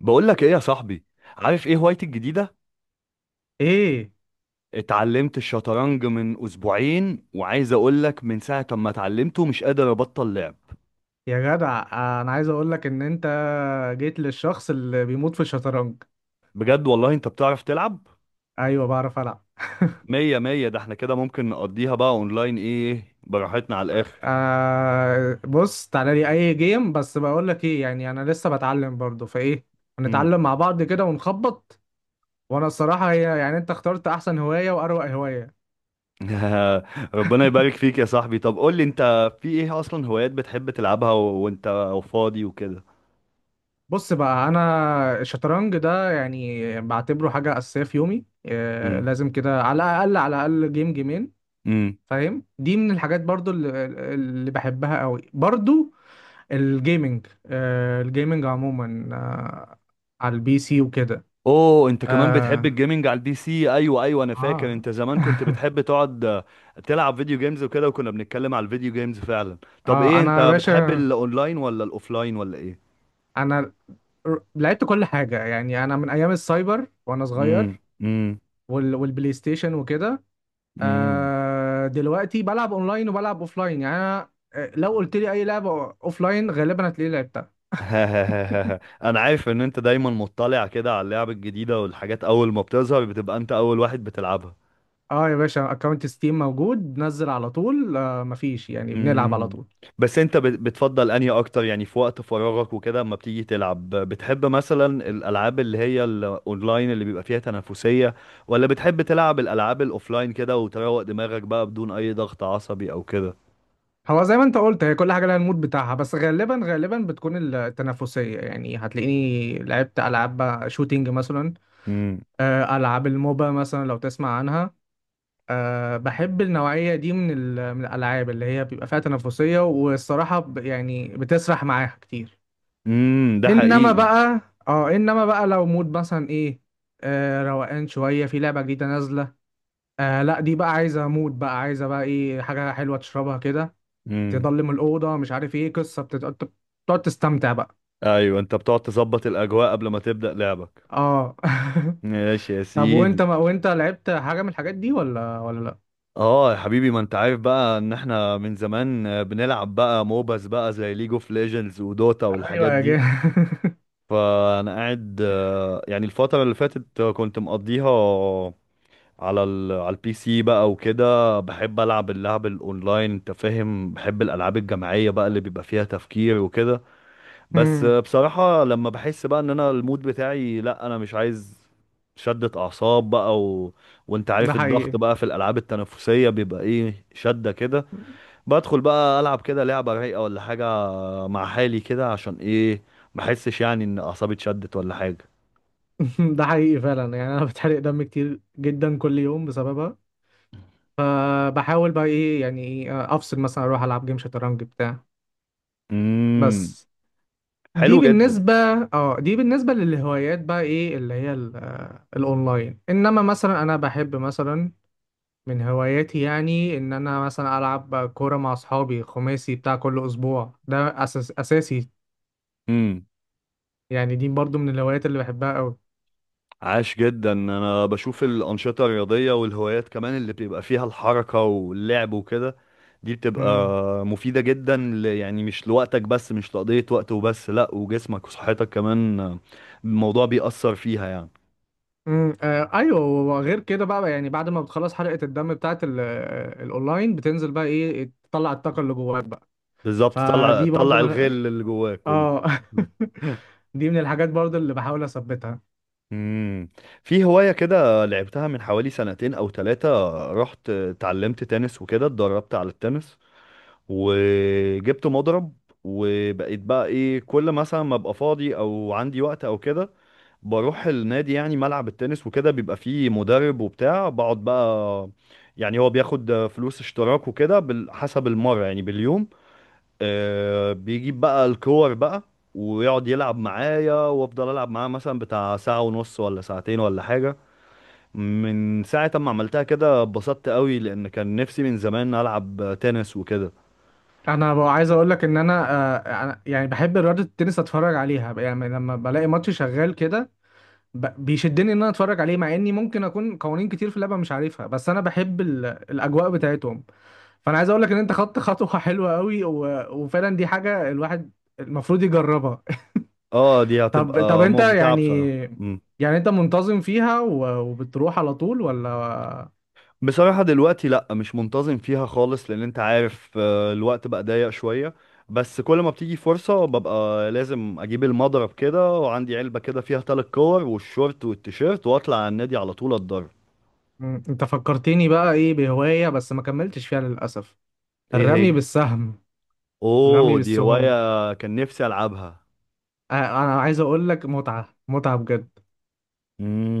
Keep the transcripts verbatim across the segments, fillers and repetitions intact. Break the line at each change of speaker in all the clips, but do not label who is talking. بقول لك ايه يا صاحبي؟ عارف ايه هوايتي الجديده؟
ايه
اتعلمت الشطرنج من اسبوعين، وعايز اقول لك من ساعه ما اتعلمته مش قادر ابطل لعب.
يا جدع، انا عايز اقول لك ان انت جيت للشخص اللي بيموت في الشطرنج.
بجد والله؟ انت بتعرف تلعب؟
ايوه بعرف العب.
مية مية. ده احنا كده ممكن نقضيها بقى اونلاين، ايه، براحتنا على الاخر.
آه بص تعالى لي اي جيم، بس بقول لك ايه، يعني انا لسه بتعلم برضه، فايه
مم.
هنتعلم مع بعض كده ونخبط. وانا الصراحه هي، يعني انت اخترت احسن هوايه واروق هوايه.
ربنا يبارك فيك يا صاحبي. طب قول لي انت، في ايه اصلا هوايات بتحب تلعبها و- وانت فاضي وكده؟
بص بقى، انا الشطرنج ده يعني بعتبره حاجه اساسيه في يومي، آه لازم كده على الاقل على الاقل جيم جيمين.
امم.
فاهم؟ دي من الحاجات برضو اللي, اللي بحبها قوي برضو. الجيمنج، آه الجيمنج عموما، آه على البي سي وكده.
اوه، انت كمان بتحب
اه
الجيمنج على البي سي؟ ايوه ايوه، انا فاكر
اه
انت زمان كنت بتحب تقعد آه، تلعب فيديو جيمز وكده، وكنا بنتكلم على الفيديو جيمز فعلا. طب
اه
ايه،
انا يا
انت بتحب
باشا،
الاونلاين ولا الاوفلاين ولا ايه؟
انا ر- لعبت كل حاجه، يعني انا من ايام السايبر وانا
امم،
صغير
امم،
وال والبلاي ستيشن وكده.
امم.
آه دلوقتي بلعب اونلاين وبلعب اوفلاين، يعني انا، آه، لو قلت لي اي لعبه اوفلاين غالبا هتلاقيه لعبتها.
انا عارف ان انت دايما مطلع كده على اللعب الجديدة والحاجات، اول ما بتظهر بتبقى انت اول واحد بتلعبها.
اه يا باشا، اكونت ستيم موجود، نزل على طول، آه مفيش، يعني بنلعب على
امم.
طول.
بس انت بت- بتفضل انهي اكتر، يعني في وقت فراغك وكده، اما بتيجي تلعب بتحب مثلا الالعاب اللي هي الاونلاين اللي بيبقى فيها تنافسية، ولا بتحب تلعب الالعاب الاوفلاين كده وتروق دماغك بقى بدون اي ضغط عصبي او كده؟
هو زي ما انت قلت، هي كل حاجه لها المود بتاعها، بس غالبا غالبا بتكون التنافسيه، يعني هتلاقيني لعبت العاب شوتينج مثلا،
امم،
آه، العاب الموبا مثلا لو تسمع عنها. آه، بحب النوعيه دي من ال- من الالعاب اللي هي بيبقى فيها تنافسيه، والصراحه ب- يعني بتسرح معاها كتير.
امم، ده
انما
حقيقي.
بقى، اه انما بقى لو مود مثلا ايه، آه، روقان شويه، في لعبه جديده نازله، آه لا، دي بقى عايزه مود، بقى عايزه بقى ايه، حاجه حلوه تشربها كده،
امم.
تضلم الأوضة، مش عارف ايه قصة بتت- بت- بتقعد تستمتع بقى.
ايوه، انت بتقعد تظبط الاجواء قبل ما تبدأ لعبك.
اه
ماشي يا
طب وانت،
سيدي.
ما وانت لعبت حاجة من الحاجات دي ولا ولا لا؟
اه يا حبيبي، ما انت عارف بقى ان احنا من زمان بنلعب بقى موباز بقى زي ليج اوف ليجندز ودوتا
ايوه
والحاجات
يا
دي.
جه.
فانا قاعد، آه، يعني الفتره اللي فاتت، آه، كنت مقضيها على ال على البي سي بقى وكده. بحب العب اللعب الاونلاين، انت فاهم، بحب الالعاب الجماعيه بقى اللي بيبقى فيها تفكير وكده. بس
أمم،
آه، بصراحه لما بحس بقى ان انا المود بتاعي لا، انا مش عايز شدة اعصاب بقى، و... وانت
ده
عارف الضغط
حقيقي.
بقى في الالعاب التنافسيه بيبقى ايه، شده كده. بدخل بقى العب كده لعبه رايقه ولا حاجه، مع حالي كده، عشان ايه؟ ما احسش يعني ان اعصابي اتشدت ولا حاجه.
ده حقيقي فعلا، يعني انا بتحرق دم كتير جدا كل يوم بسببها. فبحاول بقى ايه، يعني إيه، افصل مثلا اروح العب جيم شطرنج بتاع.
امم.
بس دي
حلو جدا.
بالنسبة، اه دي بالنسبة للهوايات بقى، ايه اللي هي ال- آه، الاونلاين. انما مثلا انا بحب مثلا، من هواياتي يعني ان انا مثلا العب كوره مع اصحابي، خماسي بتاع كل اسبوع، ده أساس اساسي
امم.
يعني. دي برضو من الهوايات اللي بحبها قوي.
عاش جدا. انا بشوف الانشطه الرياضيه والهوايات كمان اللي بيبقى فيها الحركه واللعب وكده، دي بتبقى
امم
مفيده جدا، ل... يعني مش لوقتك بس، مش لقضيه وقت وبس، لا، وجسمك وصحتك كمان، آه، الموضوع بيأثر فيها يعني.
امم آه ايوه. وغير كده بقى، يعني بعد ما بتخلص حلقه الدم بتاعت ال- آه، الاونلاين، بتنزل بقى ايه، تطلع الطاقه اللي جواك بقى.
بالظبط، طلع
فدي برضو
طلع
من،
الغل اللي جواك كله.
اه دي من الحاجات برضو اللي بحاول اثبتها.
امم. في هواية كده لعبتها من حوالي سنتين او تلاتة، رحت اتعلمت تنس وكده، اتدربت على التنس وجبت مضرب، وبقيت بقى ايه كل مثلا ما ابقى فاضي او عندي وقت او كده بروح النادي، يعني ملعب التنس وكده، بيبقى فيه مدرب وبتاع، بقعد بقى. يعني هو بياخد فلوس اشتراك وكده بال- حسب المرة يعني باليوم، آه، بيجيب بقى الكور بقى ويقعد يلعب معايا وافضل العب معاه مثلا بتاع ساعة ونص ولا ساعتين ولا حاجة. من ساعة ما عملتها كده اتبسطت قوي، لان كان نفسي من زمان العب تنس وكده.
انا بقى عايز اقول لك ان انا، آه أنا- يعني بحب رياضه التنس، اتفرج عليها يعني لما بلاقي ماتش شغال كده، ب- بيشدني ان انا اتفرج عليه، مع اني ممكن اكون قوانين كتير في اللعبه مش عارفها، بس انا بحب ال... الاجواء بتاعتهم. فانا عايز اقول لك ان انت خدت خطوه حلوه قوي، و... وفعلا دي حاجه الواحد المفروض يجربها.
اه دي
طب طب
هتبقى
انت
ممتعة
يعني،
بصراحة. مم.
يعني انت منتظم فيها و... وبتروح على طول ولا؟
بصراحة دلوقتي لا، مش منتظم فيها خالص، لان انت عارف آه، الوقت بقى ضيق شوية، بس كل ما بتيجي فرصة ببقى لازم اجيب المضرب كده، وعندي علبة كده فيها تلات كور والشورت والتيشيرت، واطلع على النادي على طول اتدرب.
مم، انت فكرتني بقى ايه بهوايه بس ما كملتش فيها للاسف،
ايه
الرمي
هي؟
بالسهم. الرمي
اوه، دي
بالسهم،
هواية كان نفسي العبها.
آه، انا عايز اقول لك متعه متعه بجد.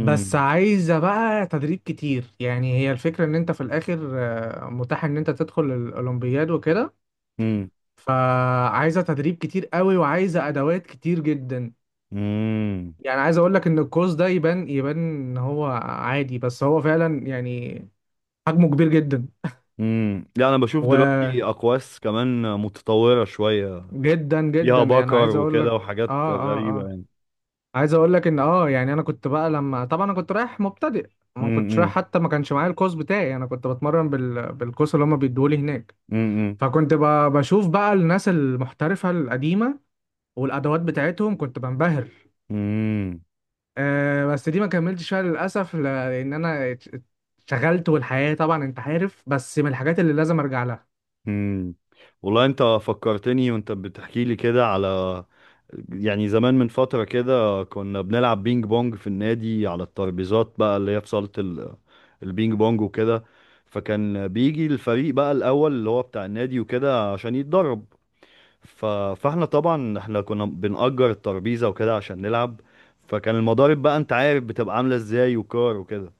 بس عايزة بقى تدريب كتير، يعني هي الفكرة ان انت في الاخر، آه، متاح ان انت تدخل الاولمبياد وكده.
امم،
فعايزة تدريب كتير قوي، وعايزة ادوات كتير جدا.
امم،
يعني عايز اقول لك ان الكورس ده يبان يبان ان هو عادي، بس هو فعلا يعني حجمه كبير جدا
امم. لا انا بشوف دلوقتي اقواس كمان متطورة شوية،
وجدا جدا.
فيها
يعني
بكر
عايز اقول
وكده
لك
وحاجات
اه اه
غريبة
اه
يعني.
عايز اقول لك ان اه، يعني انا كنت بقى لما، طبعا انا كنت رايح مبتدئ، ما كنتش رايح
امم،
حتى، ما كانش معايا الكوز بتاعي، انا كنت بتمرن بال... بالكوز اللي هما بيدوه لي هناك.
امم،
فكنت ب- بشوف بقى الناس المحترفة القديمة والأدوات بتاعتهم، كنت بنبهر.
امم،
أه بس دي ما كملتش فيها للأسف، ل- لأن أنا ات- اتشغلت، والحياة طبعا أنت عارف. بس من الحاجات اللي لازم أرجع لها.
امم. والله انت فكرتني وانت بتحكي لي كده على، يعني زمان من فترة كده كنا بنلعب بينج بونج في النادي، على الترابيزات بقى اللي هي في صالة ال- البينج بونج وكده. فكان بيجي الفريق بقى الأول اللي هو بتاع النادي وكده عشان يتدرب، ف... فاحنا طبعا احنا كنا بنأجر الترابيزة وكده عشان نلعب. فكان المضارب بقى، انت عارف بتبقى عاملة ازاي، وكار وكده،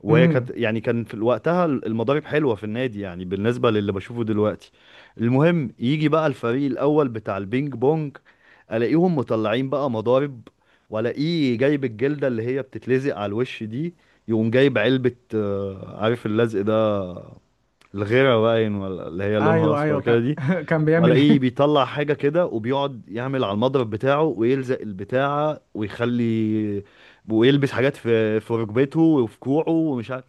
وهي كانت
امم،
يعني كان في وقتها المضارب حلوه في النادي يعني بالنسبه للي بشوفه دلوقتي. المهم يجي بقى الفريق الاول بتاع البينج بونج، الاقيهم مطلعين بقى مضارب، والاقيه جايب الجلده اللي هي بتتلزق على الوش دي. يقوم جايب علبه، آه، عارف اللزق ده، الغيره باين، ولا اللي هي لونها
أيوه
اصفر
أيوه
كده
كان
دي.
كان بيعمل
وألاقيه
إيه؟
بيطلع حاجة كده وبيقعد يعمل على المضرب بتاعه ويلزق البتاعة ويخلي، ويلبس حاجات في في ركبته وفي كوعه ومش عارف.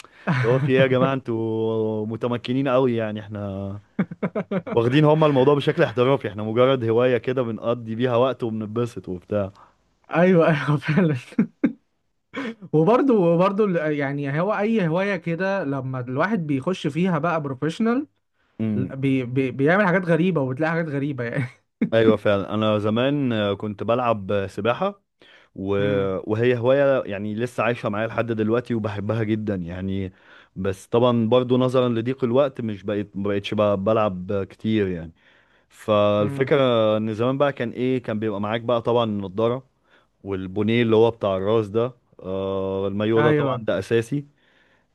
هو في ايه يا جماعة، انتوا متمكنين قوي يعني؟ احنا واخدين هما الموضوع بشكل احترافي، احنا مجرد هواية كده بنقضي بيها وقت وبنتبسط وبتاع.
أيوه أيوه فعلا. وبرضه وبرضه ال- يعني هو أي هواية كده لما الواحد بيخش فيها بقى بروفيشنال،
امم.
بي بي بيعمل حاجات غريبة، وبتلاقي حاجات غريبة يعني.
ايوه فعلا، انا زمان آه، كنت بلعب آه، سباحة، و...
امم
وهي هواية يعني لسه عايشة معايا لحد دلوقتي وبحبها جدا يعني. بس طبعا برضو نظرا لضيق الوقت مش بقيت، ما بقيتش ب- بلعب كتير يعني.
امم
فالفكرة ان زمان بقى كان ايه كان بيبقى معاك بقى طبعا النضارة. والبونيه اللي هو بتاع الراس ده، آه المايو ده طبعا
ايوه
ده اساسي.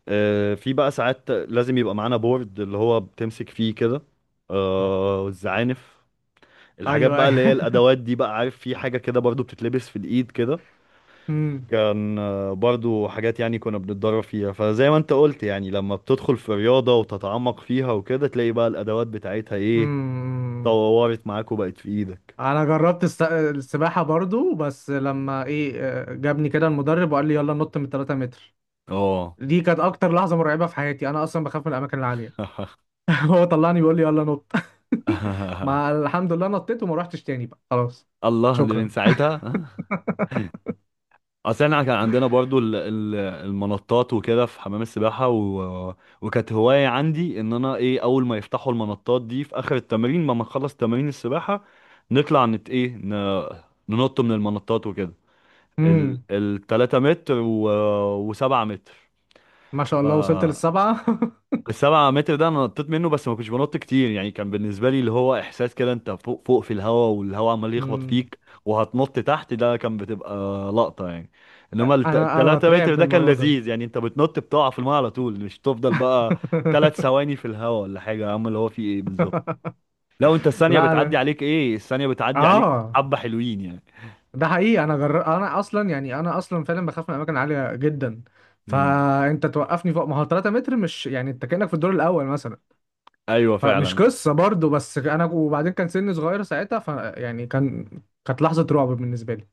آه في بقى ساعات لازم يبقى معانا بورد اللي هو بتمسك فيه كده، آه الزعانف، الحاجات
ايوه
بقى اللي هي
ايوه.
الادوات دي بقى. عارف في حاجة كده برضو بتتلبس في الايد كده،
امم
كان آه، برضو حاجات يعني كنا بنتدرب فيها. فزي ما انت قلت، يعني لما بتدخل في الرياضة وتتعمق فيها وكده تلاقي بقى الأدوات بتاعتها ايه
امم
طورت معاك وبقت في ايدك.
انا جربت الس- السباحه برضو، بس لما ايه، آه، جابني كده المدرب وقال لي يلا نط من 3 متر.
اه.
دي كانت اكتر لحظه مرعبه في حياتي، انا اصلا بخاف من الاماكن العاليه. هو طلعني بيقول لي يلا نط. ما الحمد لله نطيت وما روحتش تاني بقى خلاص.
الله، دي من
شكرا.
ساعتها. اصل احنا كان عندنا برضو ال- ال- المنطات وكده في حمام السباحه، و... وكانت هوايه عندي ان انا ايه، اول ما يفتحوا المنطات دي في اخر التمرين، ما ما نخلص تمارين السباحه نطلع نت ايه ن... ننط من المنطات وكده، ال
امم
التلاتة متر و... وسبعة متر.
ما شاء
ف
الله وصلت للسبعه.
السبعة متر ده انا نطيت منه بس ما كنتش بنط كتير، يعني كان بالنسبة لي اللي هو احساس كده انت فوق فوق في الهوا والهوا عمال يخبط
امم
فيك وهتنط تحت، ده كان بتبقى لقطة يعني. انما الت-
انا انا
التلاتة متر
بترعب من
ده كان
الموضوع ده.
لذيذ، يعني انت بتنط بتقع في الماء على طول، مش تفضل بقى تلات ثواني في الهوا ولا حاجة. يا عم اللي هو في ايه بالظبط؟ لو انت الثانية
لا
بتعدي
انا،
عليك، ايه الثانية بتعدي عليك
اه
حبة حلوين يعني.
ده حقيقي. انا جر... انا اصلا، يعني انا اصلا فعلا بخاف من اماكن عاليه جدا،
امم.
فانت توقفني فوق، ما هو 3 متر مش يعني، انت كانك في الدور الاول مثلا.
ايوه
فمش
فعلا.
قصه برضو، بس انا وبعدين كان سني صغير ساعتها، ف يعني كان، كانت لحظه رعب بالنسبه لي.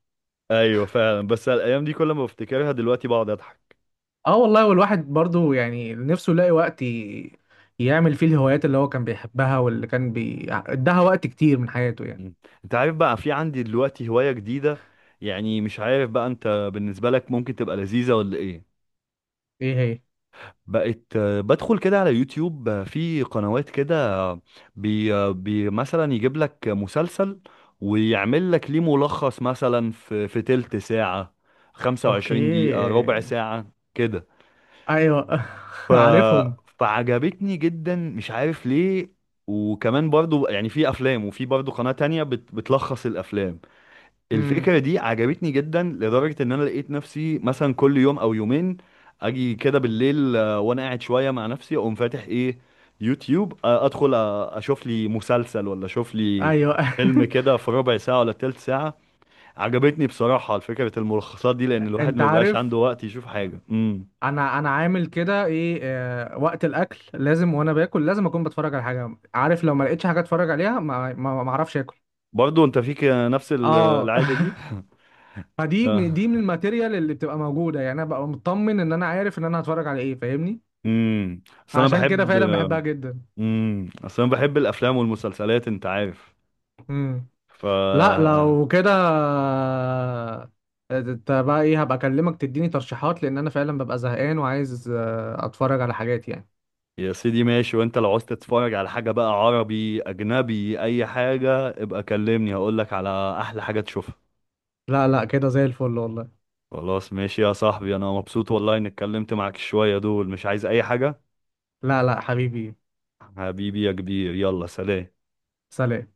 ايوه فعلا، بس الايام دي كل ما بفتكرها دلوقتي بقعد اضحك.
اه والله، والواحد برضو يعني نفسه يلاقي وقت ي... يعمل فيه الهوايات اللي هو كان بيحبها، واللي كان بي اداها وقت كتير من حياته يعني.
مم. انت عارف بقى في عندي دلوقتي هواية جديدة، يعني مش عارف بقى انت بالنسبة لك ممكن تبقى لذيذة ولا ايه.
ايه هي؟
بقت آه، بدخل كده على يوتيوب، آه، في قنوات كده، آه، بي, آه، بي مثلا يجيب لك مسلسل ويعمل لك ليه ملخص مثلا في في تلت ساعة،
اوكي.
25 دقيقة، ربع ساعة كده.
ايوه
ف...
عارفهم.
فعجبتني جدا مش عارف ليه. وكمان برضو يعني في افلام، وفي برضو قناة تانية بت... بتلخص الافلام.
امم،
الفكرة دي عجبتني جدا لدرجة ان انا لقيت نفسي مثلا كل يوم او يومين. اجي كده بالليل، آه، وانا قاعد شوية مع نفسي اقوم فاتح ايه، يوتيوب، آه، ادخل آه، اشوف لي مسلسل ولا اشوف لي
ايوه.
فيلم كده في ربع ساعة ولا تلت ساعة. عجبتني بصراحة فكرة الملخصات دي، لأن الواحد
انت
ما بيبقاش عنده
عارف،
وقت يشوف حاجة. امم.
انا انا عامل كده ايه، آه وقت الاكل لازم، وانا باكل لازم اكون بتفرج على حاجه، عارف، لو ما لقيتش حاجه اتفرج عليها ما ما ما اعرفش اكل.
برضو انت فيك نفس ال-
اه.
العادة دي.
فدي
اه.
من- دي من الماتيريال اللي بتبقى موجوده، يعني انا ببقى مطمن ان انا عارف ان انا هتفرج على ايه. فاهمني؟
امم. اصل انا
عشان كده
بحب
فعلا بحبها جدا.
امم اصل انا بحب الافلام والمسلسلات، انت عارف.
امم،
ف
لا لو كده، آه، انت بقى ايه، هبقى اكلمك تديني ترشيحات، لان انا فعلا ببقى زهقان وعايز، آه، اتفرج على حاجات يعني.
يا سيدي ماشي، وانت لو عاوز تتفرج على حاجه بقى، عربي اجنبي اي حاجه، ابقى كلمني هقول لك على احلى حاجه تشوفها.
لا لا كده زي الفل والله.
خلاص ماشي يا صاحبي، انا مبسوط والله اني اتكلمت معاك شويه دول، مش عايز اي حاجه.
لا لا حبيبي.
حبيبي يا كبير، يلا سلام.
سلام.